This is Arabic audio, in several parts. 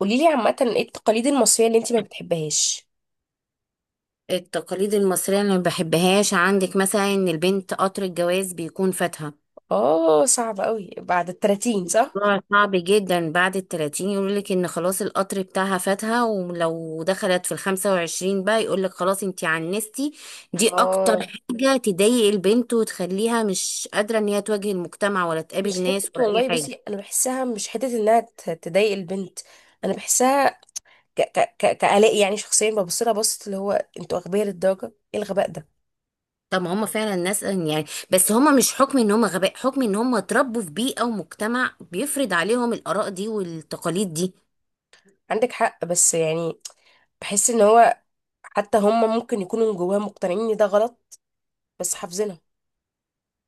قولي لي عامة ايه التقاليد المصرية اللي انتي ما بتحبهاش. التقاليد المصرية اللي ما بحبهاش عندك مثلا ان البنت قطر الجواز بيكون فاتها. اه، صعب قوي بعد التلاتين صح. موضوع صعب جدا بعد التلاتين يقولك ان خلاص القطر بتاعها فاتها، ولو دخلت في الخمسة وعشرين بقى يقولك خلاص انتي عنستي. دي اكتر اه، حاجة تضايق البنت وتخليها مش قادرة ان هي تواجه المجتمع ولا مش تقابل ناس حتة ولا اي والله. حاجة. بصي انا بحسها مش حتة انها تضايق البنت. انا بحسها ك ك ك كآلاء يعني شخصيا ببص لها بصت اللي هو انتوا اغبياء للدرجة. ايه الغباء ده؟ طب ما هم فعلا ناس يعني، بس هم مش حكم ان هم غباء، حكم ان هم اتربوا في بيئة ومجتمع بيفرض عليهم الآراء دي والتقاليد دي. عندك حق بس يعني بحس ان هو حتى هم ممكن يكونوا من جواهم مقتنعين ان ده غلط بس حافظينها.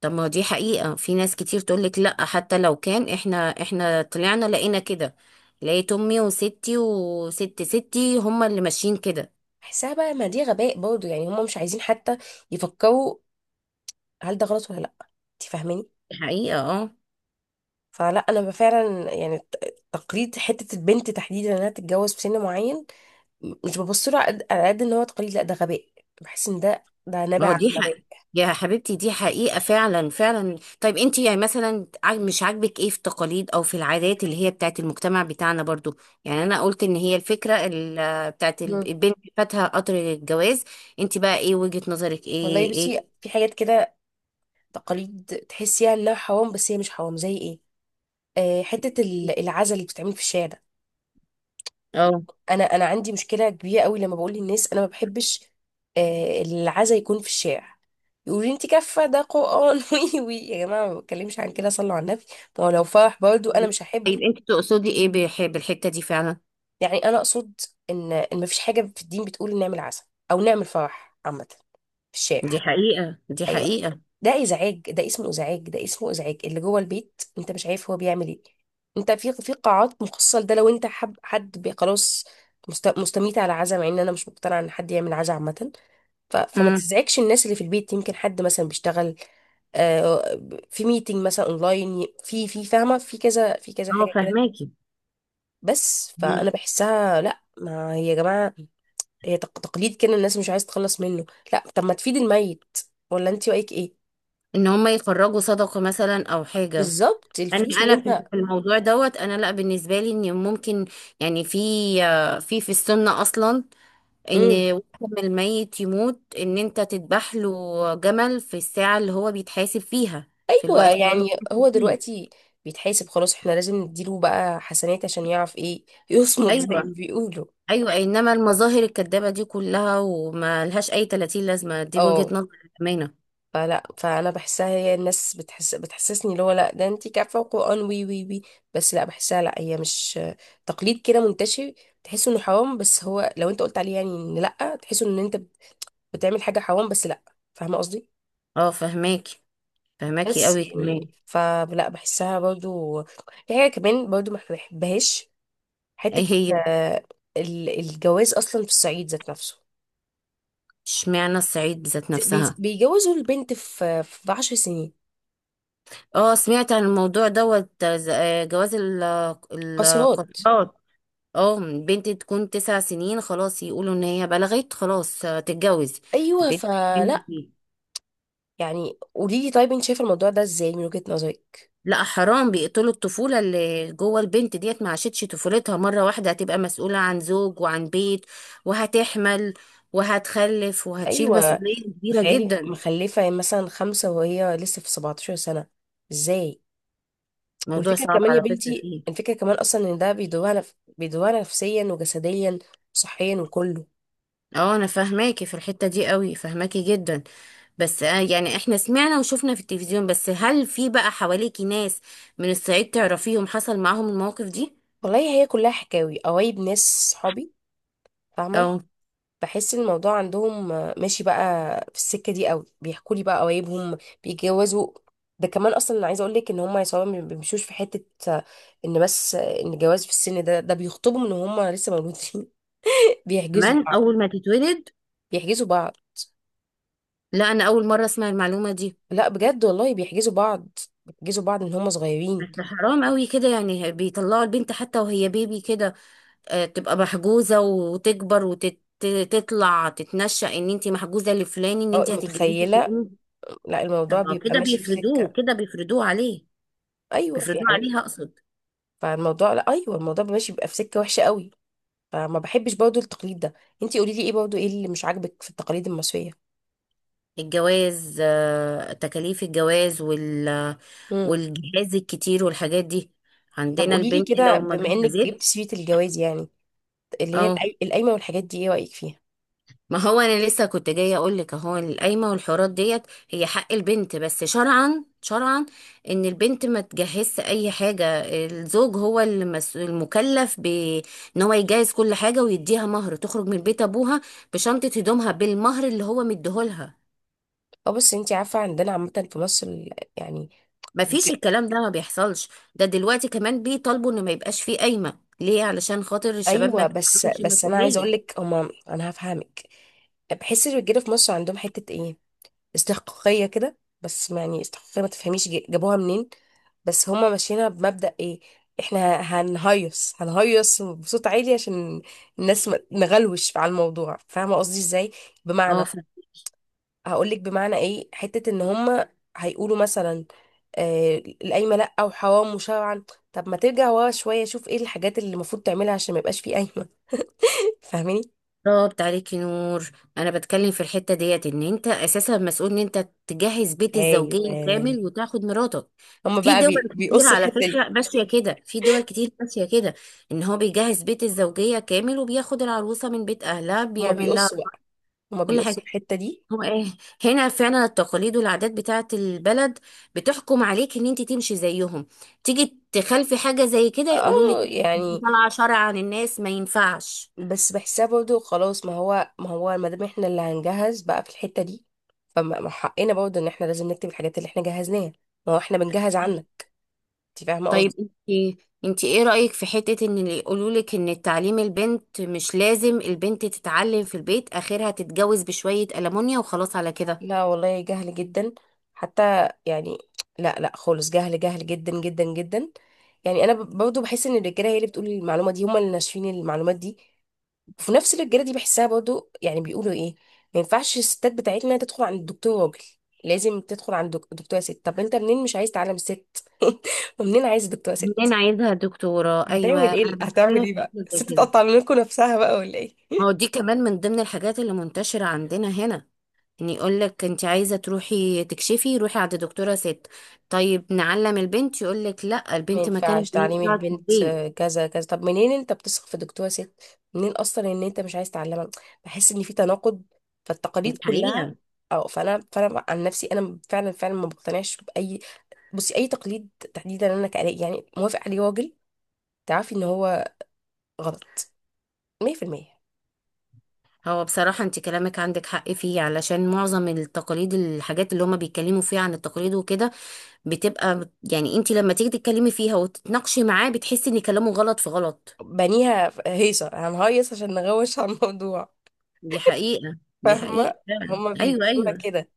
طب ما دي حقيقة، في ناس كتير تقولك لأ حتى لو كان احنا طلعنا لقينا كده. لقيت امي وستي وست ستي هما اللي ماشيين كده. بحسها بقى ما دي غباء برضه، يعني هم مش عايزين حتى يفكروا هل ده غلط ولا لا. انت فاهماني؟ دي حقيقة، اه. فلا انا فعلا يعني تقليد حته البنت تحديدا انها تتجوز في سن معين، مش ببص له على قد على قد ان هو تقليد، لا ده غباء. بحس ان ده ما نابع هو عن دي حق غباء. يا حبيبتي، دي حقيقة فعلا فعلا. طيب انتي يعني مثلا مش عاجبك ايه في التقاليد او في العادات اللي هي بتاعت المجتمع بتاعنا برضو؟ يعني انا قلت ان هي الفكرة بتاعت مم. البنت فاتها قطر الجواز. انتي بقى ايه وجهة نظرك؟ والله ايه بصي، ايه؟ في حاجات كده تقاليد تحسيها انها حرام بس هي مش حرام، زي ايه؟ آه، حته العزا اللي بتتعمل في الشارع ده. اه. انا عندي مشكله كبيره قوي لما بقول للناس انا ما بحبش آه، العزا يكون في الشارع. يقولوا لي انت كفه ده قران وي وي، يا جماعه ما بتكلمش عن كده، صلوا على النبي. ما هو لو فرح برضو انا مش هحبه. طيب انتي تقصدي ايه بالحتة دي فعلا؟ يعني انا اقصد ان ما فيش حاجه في الدين بتقول نعمل عزا او نعمل فرح عامه في الشارع. دي حقيقة، دي ايوه، حقيقة. ده ازعاج، ده اسمه ازعاج، اللي جوه البيت انت مش عارف هو بيعمل ايه. انت في قاعات مخصصه لده، لو انت حب حد خلاص. مستميت على عزا، مع ان انا مش مقتنعه ان حد يعمل عزا عامه. فما امم. تزعجش الناس اللي في البيت، يمكن حد مثلا بيشتغل آه، في ميتنج مثلا اونلاين، في فاهمه، في كذا، في كذا اه، حاجه كده. فهماكي. بس فانا مم. بحسها لا، ما هي يا جماعه هي تقليد كده الناس مش عايز تخلص منه. لا، طب ما تفيد الميت، ولا انت رايك ايه؟ ان هم يخرجوا صدقة مثلا او حاجة. بالظبط، انا الفلوس اللي انا في انت. في الموضوع دوت، انا لا بالنسبة لي ان ممكن، يعني في السنة اصلا، امم، ان وقت ما الميت يموت ان انت تذبح له جمل في الساعة اللي هو بيتحاسب فيها، في ايوه الوقت اللي هو يعني هو بيتحاسب فيه. دلوقتي بيتحاسب خلاص، احنا لازم نديله بقى حسنات عشان يعرف ايه يصمد زي ما ايوه، بيقولوا. ايوه، انما المظاهر الكدابة دي كلها وما لهاش اي 30 لازمة، دي وجهة اه، نظر الامانة. فلا فانا بحسها هي الناس بتحس بتحسسني اللي هو لا ده انت كافه وقران وي وي وي. بس لا بحسها، لا هي مش تقليد كده منتشر، تحس انه حرام، بس هو لو انت قلت عليه يعني ان لا، تحس ان انت بتعمل حاجه حرام، بس لا. فاهمه قصدي؟ اه، فهماكي، فهماكي بس قوي كمان. يعني فلا بحسها برضو. في حاجه كمان برضو ما بحبهاش، ايه حتة هي؟ آه، الجواز أصلا في الصعيد ذات نفسه. اشمعنى الصعيد ذات نفسها؟ بيجوزوا البنت في عشر سنين، اه، سمعت عن الموضوع دوت، جواز قاصرات. القطارات. اه، بنت تكون تسع سنين خلاص يقولوا ان هي بلغت، خلاص تتجوز. أيوة، البنت فلا دي- يعني قولي لي طيب أنت شايفة الموضوع ده إزاي من وجهة نظرك؟ لا حرام، بيقتلوا الطفولة اللي جوه البنت ديت، ما عاشتش طفولتها، مرة واحدة هتبقى مسؤولة عن زوج وعن بيت، وهتحمل وهتخلف وهتشيل أيوة، مسؤولية كبيرة تخيلي جدا. مخلفة مثلا خمسة وهي لسه في 17 سنة، إزاي؟ موضوع والفكرة صعب كمان يا على فكرة بنتي، فيه. الفكرة كمان أصلا إن ده بيدوها بيدوها نفسيا وجسديا وصحيا وكله. اه انا فاهماكي في الحتة دي قوي، فاهماكي جدا. بس يعني احنا سمعنا وشفنا في التلفزيون، بس هل في بقى حواليكي ناس من الصعيد تعرفيهم حصل معاهم المواقف دي؟ والله هي كلها حكاوي قوايب ناس صحابي، او فاهمة. بحس إن الموضوع عندهم آه، ماشي بقى في السكة دي قوي، بيحكوا لي بقى قوايبهم بيتجوزوا. ده كمان اصلا انا عايزه اقول لك ان هم يا صحابي ما بيمشوش في حته آه، ان بس آه، ان الجواز في السن ده ده بيخطبهم ان هم لسه مولودين. بيحجزوا كمان بعض، اول ما تتولد. بيحجزوا بعض. لا، انا اول مرة اسمع المعلومة دي. لا بجد والله بيحجزوا بعض، بيحجزوا بعض ان هم بس صغيرين. حرام قوي كده يعني، بيطلعوا البنت حتى وهي بيبي كده، تبقى محجوزة وتكبر وتطلع تتنشأ ان انت محجوزة لفلان، ان أو انت هتتجوزي متخيله، فلان. لا الموضوع طب ما هو بيبقى كده ماشي في بيفرضوه، سكه. كده بيفرضوه عليه، ايوه بيفرضوه يعني، عليها اقصد. فالموضوع لا ايوه، الموضوع بيبقى ماشي، بيبقى في سكه وحشه قوي. فما بحبش برضو التقليد ده. انتي قولي لي ايه برضو، ايه اللي مش عاجبك في التقاليد المصرية؟ الجواز تكاليف الجواز امم. والجهاز الكتير والحاجات دي، طب عندنا قولي لي البنت كده لو ما بما انك جبت جهزتش. سيرة الجواز، يعني اللي هي اه القايمة والحاجات دي، ايه رأيك فيها؟ ما هو انا لسه كنت جايه اقول لك، اهو القايمه والحوارات ديت هي حق البنت، بس شرعا شرعا ان البنت ما تجهزش اي حاجه، الزوج هو المكلف بان هو يجهز كل حاجه ويديها مهر، تخرج من بيت ابوها بشنطه هدومها بالمهر اللي هو مديهولها. اه، بس انتي عارفة عندنا عامة في مصر يعني ما الج- فيش، الكلام ده ما بيحصلش. ده دلوقتي كمان بيطالبوا ان ما يبقاش فيه قايمة ليه، علشان خاطر الشباب ما ايوه، بس تتحملش بس انا عايزة اقول مسؤولية. لك هما، انا هفهمك. بحس الرجالة في مصر عندهم حتة ايه، استحقاقية كده، بس ما يعني استحقاقية ما تفهميش جابوها منين. بس هما ماشيينها بمبدأ ايه؟ احنا هنهيص، هنهيص بصوت عالي عشان الناس نغلوش على الموضوع. فاهمة قصدي ازاي؟ اه بمعنى هقولك بمعنى ايه، حتة ان هما هيقولوا مثلا آه، القايمة لأ وحرام وشرعا. طب ما ترجع ورا شوية، شوف ايه الحاجات اللي المفروض تعملها عشان ما يبقاش فيه قايمة. فاهماني؟ بالظبط، عليكي نور. انا بتكلم في الحتة ديت ان انت اساسا مسؤول ان انت تجهز بيت الزوجية كامل ايوه، وتاخد مراتك. هما في بقى دول كتير بيقصوا على الحتة دي، فكرة ماشية كده، في دول كتير ماشية كده، ان هو بيجهز بيت الزوجية كامل وبياخد العروسة من بيت اهلها، هما بيعمل لها بيقصوا بقى، هما كل بيقصوا حاجة. الحتة دي. هو ايه؟ هنا فعلا التقاليد والعادات بتاعت البلد بتحكم عليك ان انت تمشي زيهم. تيجي تخالفي حاجة زي كده يقولوا لك اه انت يعني، طالعة شرع عن الناس، ما ينفعش. بس بحسها برضه خلاص، ما هو ما هو ما دام احنا اللي هنجهز بقى في الحتة دي، فما ما حقنا برضه ان احنا لازم نكتب الحاجات اللي احنا جهزناها. ما هو احنا بنجهز عنك، انت فاهمة طيب قصدي؟ انت ايه رأيك في حتة ان اللي يقولوا لك ان تعليم البنت مش لازم، البنت تتعلم في البيت اخرها تتجوز بشوية ألمونيا وخلاص على كده؟ لا والله، جهل جدا، حتى يعني لا لا خالص، جهل جهل جدا جدا جدا. يعني انا برضه بحس ان الرجاله هي اللي بتقول المعلومة دي، هم اللي ناشفين المعلومات دي. وفي نفس الرجاله دي بحسها برضو، يعني بيقولوا ايه، ما ينفعش الستات بتاعتنا تدخل عند الدكتور راجل، لازم تدخل عند دكتوره ست. طب انت منين مش عايز تعلم ست ومنين عايز دكتوره منين ست؟ عايزها دكتورة؟ ايوه هتعمل ايه، انا هتعمل بتكلم ايه في بقى حاجة زي الست، كده. تقطع منكم نفسها بقى ولا ايه؟ ما هو دي كمان من ضمن الحاجات اللي منتشرة عندنا هنا، يعني يقول لك انت عايزه تروحي تكشفي روحي عند دكتوره ست، طيب نعلم البنت يقول لك لا، ما البنت ما ينفعش كانت عايزة تعليم تقعد في البنت البيت. آه، كذا كذا، طب منين انت بتثق في دكتوره ست منين اصلا ان انت مش عايز تعلمها؟ بحس ان في تناقض دي فالتقاليد كلها. حقيقه. او فانا، فانا عن نفسي انا فعلا فعلا ما بقتنعش باي، بصي، اي تقليد تحديدا انا كألاقي يعني موافق عليه راجل، تعرفي ان هو غلط 100%. هو بصراحه انت كلامك عندك حق فيه، علشان معظم التقاليد، الحاجات اللي هما بيتكلموا فيها عن التقاليد وكده، بتبقى يعني انت لما تيجي تتكلمي فيها وتتناقشي معاه بتحسي ان كلامه غلط في غلط. بنيها هيصه، هنهيص عشان نغوش على الموضوع، دي حقيقه دي فاهمه. حقيقه فعلا، هما ايوه بيمشوها ايوه. كده،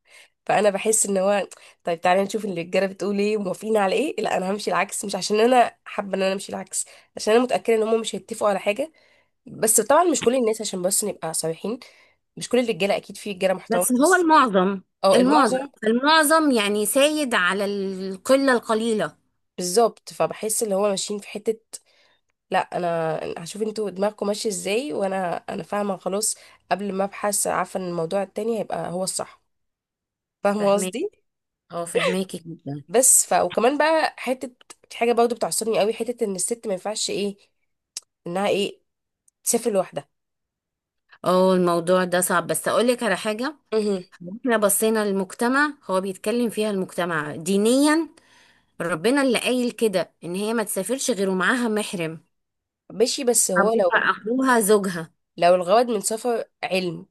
فانا بحس ان هو طيب تعالي نشوف اللي الرجاله بتقول ايه وموافقين على ايه، لا انا همشي العكس، مش عشان انا حابه ان انا امشي العكس، عشان انا متاكده ان هما مش هيتفقوا على حاجه. بس طبعا مش كل الناس، عشان بس نبقى صريحين، مش كل الرجاله اكيد، في رجاله محترمه بس هو بس، المعظم، اه المعظم المعظم. المعظم يعني سايد على القله القليله. بالظبط، فبحس اللي هو ماشيين في حته لا انا هشوف انتوا دماغكم ماشيه ازاي، وانا فاهمه خلاص قبل ما ابحث، عارفه ان الموضوع التاني هيبقى هو الصح. فاهمه فاهمه. قصدي؟ اه، فهماكي جدا. بس ف وكمان بقى حته، في حاجه برضه بتعصبني قوي، حته ان الست ما ينفعش ايه، انها ايه، تسافر لوحدها. اه الموضوع ده صعب، بس اقول لك على حاجه. امم. احنا بصينا للمجتمع، هو بيتكلم فيها المجتمع دينيا، ربنا اللي قايل كده ان هي ما تسافرش غير ومعاها محرم، ماشي بس هو ابوها اخوها زوجها. لو الغرض من سفر علم.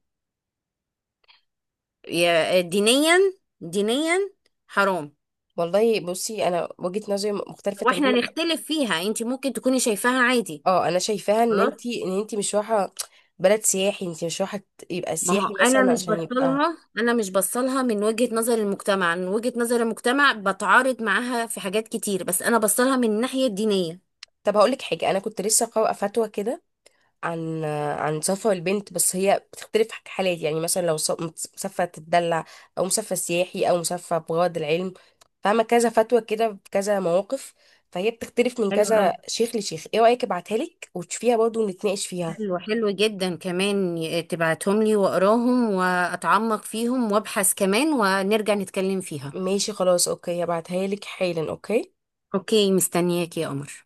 دينيا، دينيا، حرام. والله بصي انا وجهه نظري مختلفه واحنا تماما. نختلف فيها، انت ممكن تكوني شايفاها عادي. اه انا شايفاها ان خلاص. انتي ان انتي مش رايحه بلد سياحي، انتي مش رايحه يبقى ما هو سياحي انا مثلا مش عشان يبقى. بصلها، انا مش بصلها من وجهة نظر المجتمع، من وجهة نظر المجتمع بتعارض معاها في حاجات كتير، بس انا بصلها من الناحية الدينية. طب هقولك حاجة، أنا كنت لسه قارئة فتوى كده عن، عن سفر البنت، بس هي بتختلف حالات، يعني مثلا لو مسافرة تتدلع، أو مسافرة سياحي، أو مسافرة بغرض العلم. فاهمة، كذا فتوى كده بكذا مواقف، فهي بتختلف من حلو أوي، كذا شيخ لشيخ. ايه رأيك ابعتها لك وتشوفيها برضه ونتناقش فيها؟ حلو حلو جدا كمان، تبعتهم لي وأقراهم وأتعمق فيهم وأبحث كمان ونرجع نتكلم فيها. ماشي خلاص، اوكي، هبعتها لك حالا. اوكي. أوكي، مستنياك يا قمر.